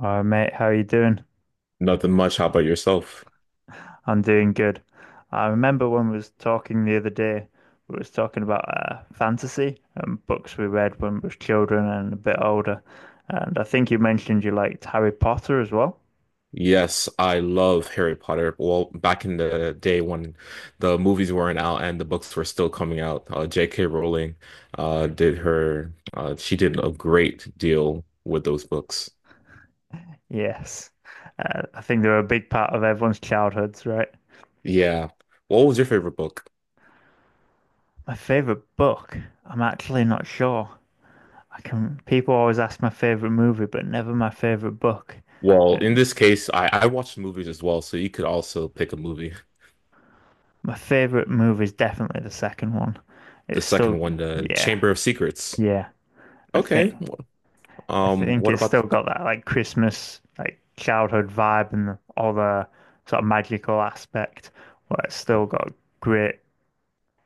Hi mate, how are you doing? Nothing much. How about yourself? I'm doing good. I remember when we was talking the other day, we was talking about fantasy and books we read when we was children and a bit older. And I think you mentioned you liked Harry Potter as well. Yes, I love Harry Potter. Well, back in the day when the movies weren't out and the books were still coming out, J.K. Rowling she did a great deal with those books. Yes, I think they're a big part of everyone's childhoods, right? Yeah. What was your favorite book? My favorite book, I'm actually not sure. People always ask my favorite movie, but never my favorite book. Uh, Well, in this case, I watched movies as well, so you could also pick a movie. My favorite movie is definitely the second one. The It's second still, one, The yeah. Chamber of Secrets. Yeah, I Okay. think I think What it's about still got that like Christmas like childhood vibe and all the sort of magical aspect. Well, it's still got great.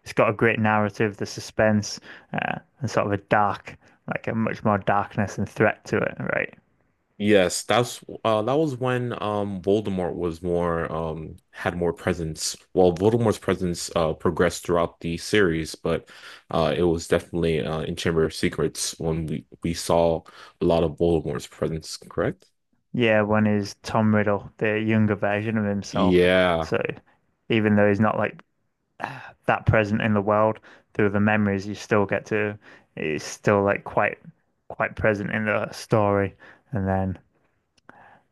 It's got a great narrative, the suspense, and sort of a dark, like a much more darkness and threat to it, right? Yes, that's that was when Voldemort was more had more presence. Well, Voldemort's presence progressed throughout the series, but it was definitely in Chamber of Secrets when we saw a lot of Voldemort's presence, correct? Yeah, one is Tom Riddle, the younger version of himself. Yeah. So even though he's not like that present in the world through the memories you still get to it's still like quite present in the story, and then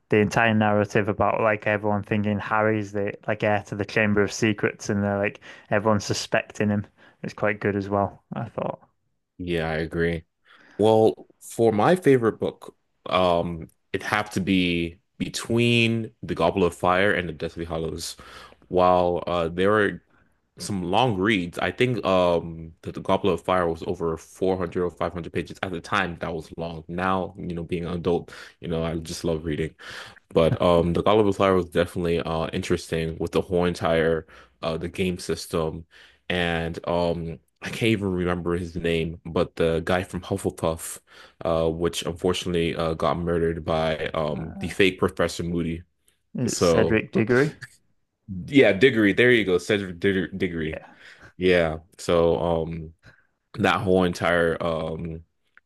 the entire narrative about like everyone thinking Harry's the like heir to the Chamber of Secrets, and they're like everyone suspecting him is quite good as well, I thought. Yeah, I agree. Well, for my favorite book, it'd have to be between The Goblet of Fire and The Deathly Hallows. While there are some long reads, I think that The Goblet of Fire was over 400 or 500 pages at the time. That was long. Now, you know, being an adult, I just love reading. But the God of Flyer was definitely interesting with the whole entire the game system, and I can't even remember his name, but the guy from Hufflepuff, which unfortunately got murdered by the uh, fake Professor Moody. is it So Cedric Diggory? yeah, Diggory, there you go, Cedric Diggory. Diggory. Yeah, Yeah, so that whole entire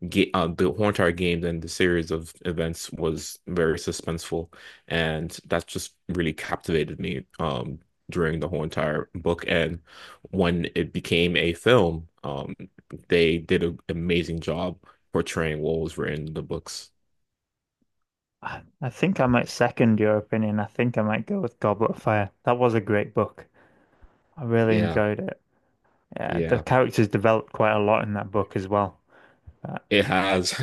game the whole entire game and the series of events was very suspenseful and that just really captivated me during the whole entire book, and when it became a film they did an amazing job portraying what was written in the books. I think I might second your opinion. I think I might go with Goblet of Fire. That was a great book. I really Yeah, enjoyed it. Yeah, the yeah, characters developed quite a lot in that book as well. it has.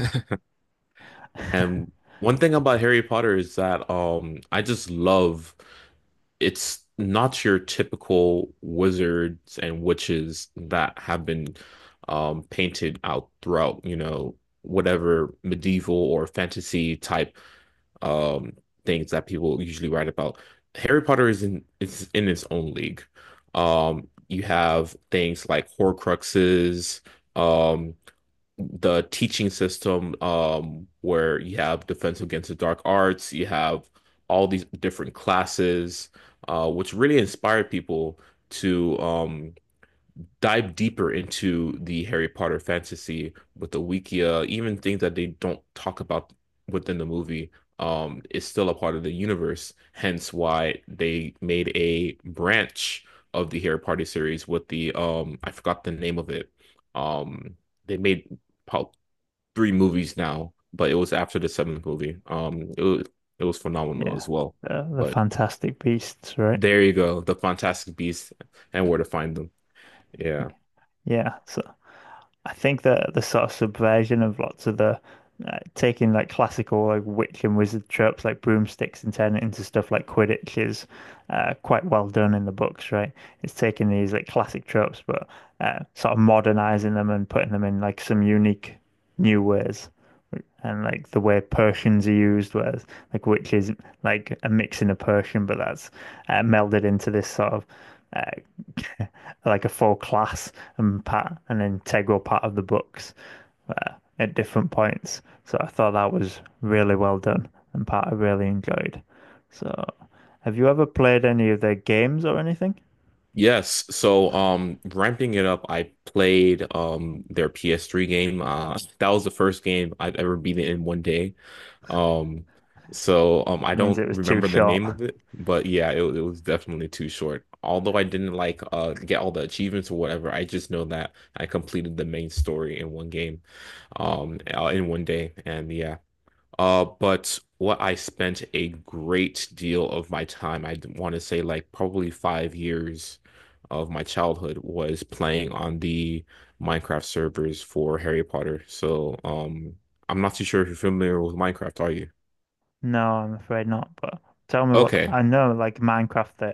And one thing about Harry Potter is that I just love it's not your typical wizards and witches that have been painted out throughout, you know, whatever medieval or fantasy type um, things that people usually write about. Harry Potter is in its own league. You have things like Horcruxes. Um, the teaching system where you have Defense Against the Dark Arts, you have all these different classes, which really inspired people to dive deeper into the Harry Potter fantasy with the Wikia, even things that they don't talk about within the movie. Is still a part of the universe, hence why they made a branch of the Harry Potter series with the I forgot the name of it. Um, they made three movies now, but it was after the seventh movie. It was phenomenal Yeah, as well. The But Fantastic Beasts, right? there you go, the Fantastic Beasts and Where to Find Them. Yeah. Yeah, so I think that the sort of subversion of lots of the taking like classical like witch and wizard tropes like broomsticks and turning it into stuff like Quidditch is quite well done in the books, right? It's taking these like classic tropes, but sort of modernizing them and putting them in like some unique new ways. And like the way potions are used, whereas like witches like a mixing of potion, but that's melded into this sort of uh, like a full class and part an integral part of the books uh, at different points. So I thought that was really well done and part I really enjoyed. So have you ever played any of their games or anything? Yes. So, ramping it up, I played their PS3 game. That was the first game I've ever beaten in 1 day. Um, I It means don't it was too remember the short. name of it, but yeah, it was definitely too short. Although I didn't get all the achievements or whatever, I just know that I completed the main story in one game, in 1 day. And yeah, but what I spent a great deal of my time, I want to say like probably 5 years of my childhood, was playing on the Minecraft servers for Harry Potter. So I'm not too sure if you're familiar with Minecraft, are you? No, I'm afraid not. But tell me what Okay, I know, like Minecraft, the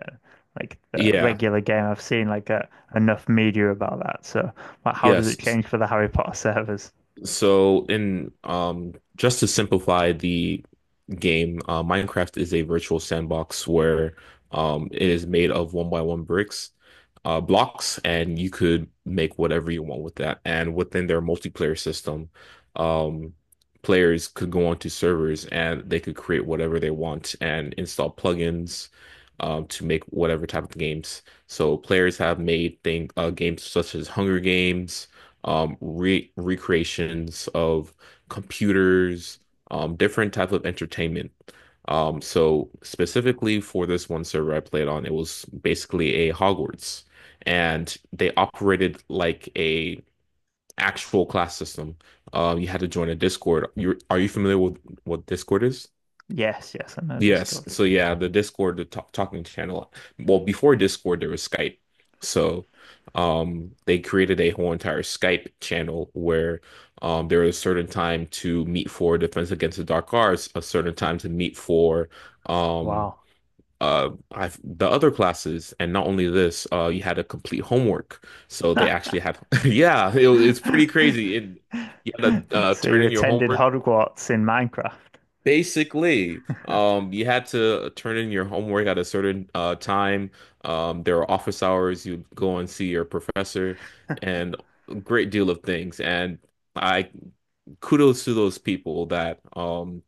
like the yeah. regular game. I've seen like enough media about that. So, but how does it yes S- change for the Harry Potter servers? so in just to simplify the game. Minecraft is a virtual sandbox where it is made of one by one bricks, blocks, and you could make whatever you want with that. And within their multiplayer system, um, players could go onto servers and they could create whatever they want and install plugins. To make whatever type of games. So players have made thing games such as Hunger Games, re recreations of computers, different type of entertainment. So specifically for this one server I played on, it was basically a Hogwarts, and they operated like a actual class system. You had to join a Discord. You familiar with what Discord is? Yes, yes, I know Yes. Discord. So yeah, the Discord, the talking channel. Well, before Discord, there was Skype. So they created a whole entire Skype channel where there was a certain time to meet for Defense Against the Dark Arts, a certain time to meet for um Wow. The other classes. And not only this, you had to complete homework, so they actually had yeah, it's pretty crazy, and you had to So turn you in your attended homework. Hogwarts in Minecraft. Basically, you had to turn in your homework at a certain time. There were office hours. You'd go and see your professor, and a great deal of things. And I, kudos to those people that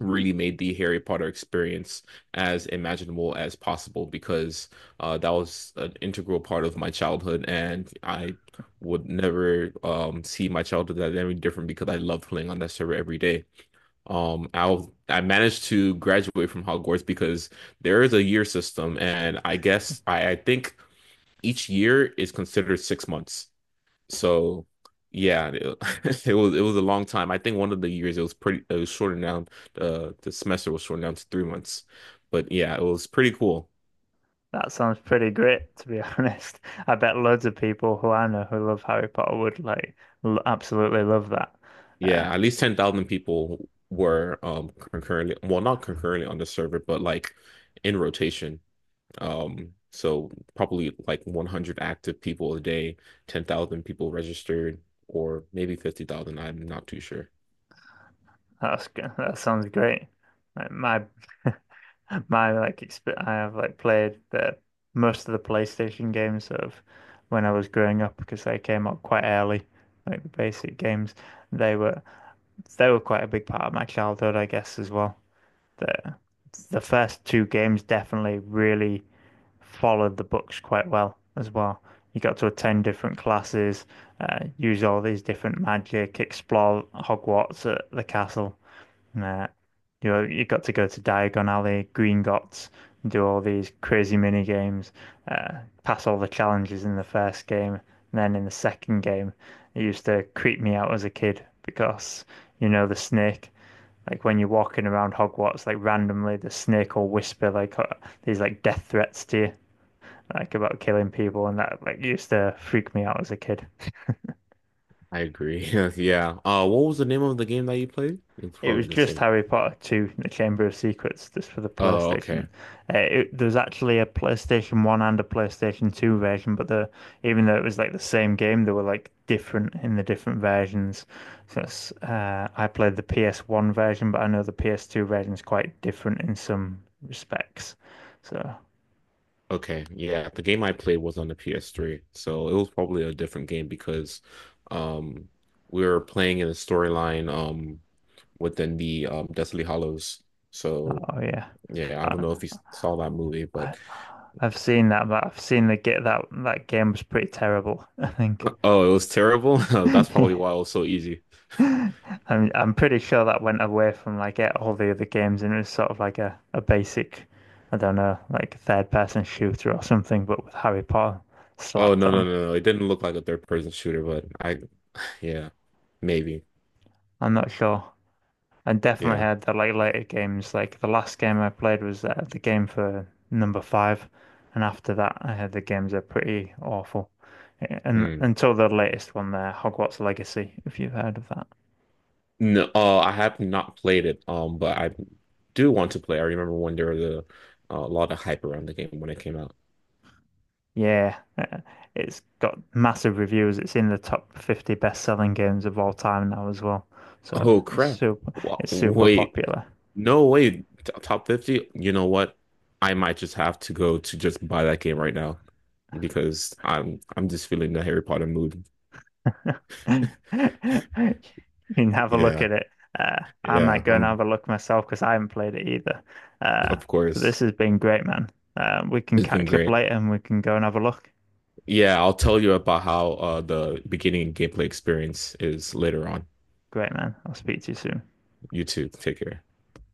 really made the Harry Potter experience as imaginable as possible, because that was an integral part of my childhood, and I would never see my childhood as any different because I love playing on that server every day. Um, I I managed to graduate from Hogwarts because there is a year system, and I guess I think each year is considered 6 months. So yeah, it, it was a long time. I think one of the years it was pretty it was shortened down. The semester was shortened down to 3 months, but yeah, it was pretty cool. That sounds pretty great, to be honest. I bet loads of people who I know who love Harry Potter would like l absolutely love that. Uh, Yeah, at least 10,000 people were concurrently, well, not concurrently on the server, but like in rotation. So probably like 100 active people a day, 10,000 people registered, or maybe 50,000. I'm not too sure. That sounds great. Like my my like exp I have like played the most of the PlayStation games of when I was growing up because they came out quite early, like the basic games. They were they were quite a big part of my childhood, I guess, as well. the the first two games definitely really followed the books quite well as well. You got to attend different classes, use all these different magic, explore Hogwarts at the castle. uh, you know, you got to go to Diagon Alley, Gringotts, and do all these crazy mini games, uh, pass all the challenges in the first game, and then in the second game, it used to creep me out as a kid because you know the snake, like when you're walking around Hogwarts, like randomly the snake will whisper like these like death threats to you, like about killing people, and that like used to freak me out as a kid. I agree. Yeah. What was the name of the game that you played? It's It was probably the just same. Harry Potter 2, The Chamber of Secrets, just for the Oh, PlayStation. okay. There's actually a PlayStation 1 and a PlayStation 2 version, but the even though it was like the same game, they were like different in the different versions. So it's, I played the PS1 version, but I know the PS2 version is quite different in some respects. So Okay. Yeah, the game I played was on the PS3, so it was probably a different game because um we were playing in a storyline within the Deathly Hollows. So, oh yeah, yeah, I don't I, know if you saw that movie, I but I've seen that, but I've seen the get that that game was pretty terrible, I think. oh, it was terrible. Oh, that's probably why it was so easy. Yeah. I'm pretty sure that went away from like all the other games, and it was sort of like a basic, I don't know, like third person shooter or something, but with Harry Potter Oh, slapped no, no, on. no, no. It didn't look like a third person shooter, but I, yeah, maybe. I'm not sure. And definitely Yeah. had the like later games. Like the last game I played was the game for number five, and after that, I had the games are pretty awful. And Hmm. until the latest one there, Hogwarts Legacy, if you've heard of that. No, I have not played it, but I do want to play. I remember when there was a lot of hype around the game when it came out. Yeah, it's got massive reviews. It's in the top 50 best-selling games of all time now as well. So Oh, it's crap. super, it's super Wait, popular. no, wait. Top 50? You know what? I might just have to go to just buy that game right now because I'm just feeling the Harry Potter mood. You can have a look Yeah, at it. I yeah. might go and have I'm a look myself because I haven't played it either. Uh, of so this course. has been great, man. We can It's been catch up great. later and we can go and have a look. Yeah, I'll tell you about how the beginning gameplay experience is later on. Great, man. I'll speak to you soon. You too. Take care.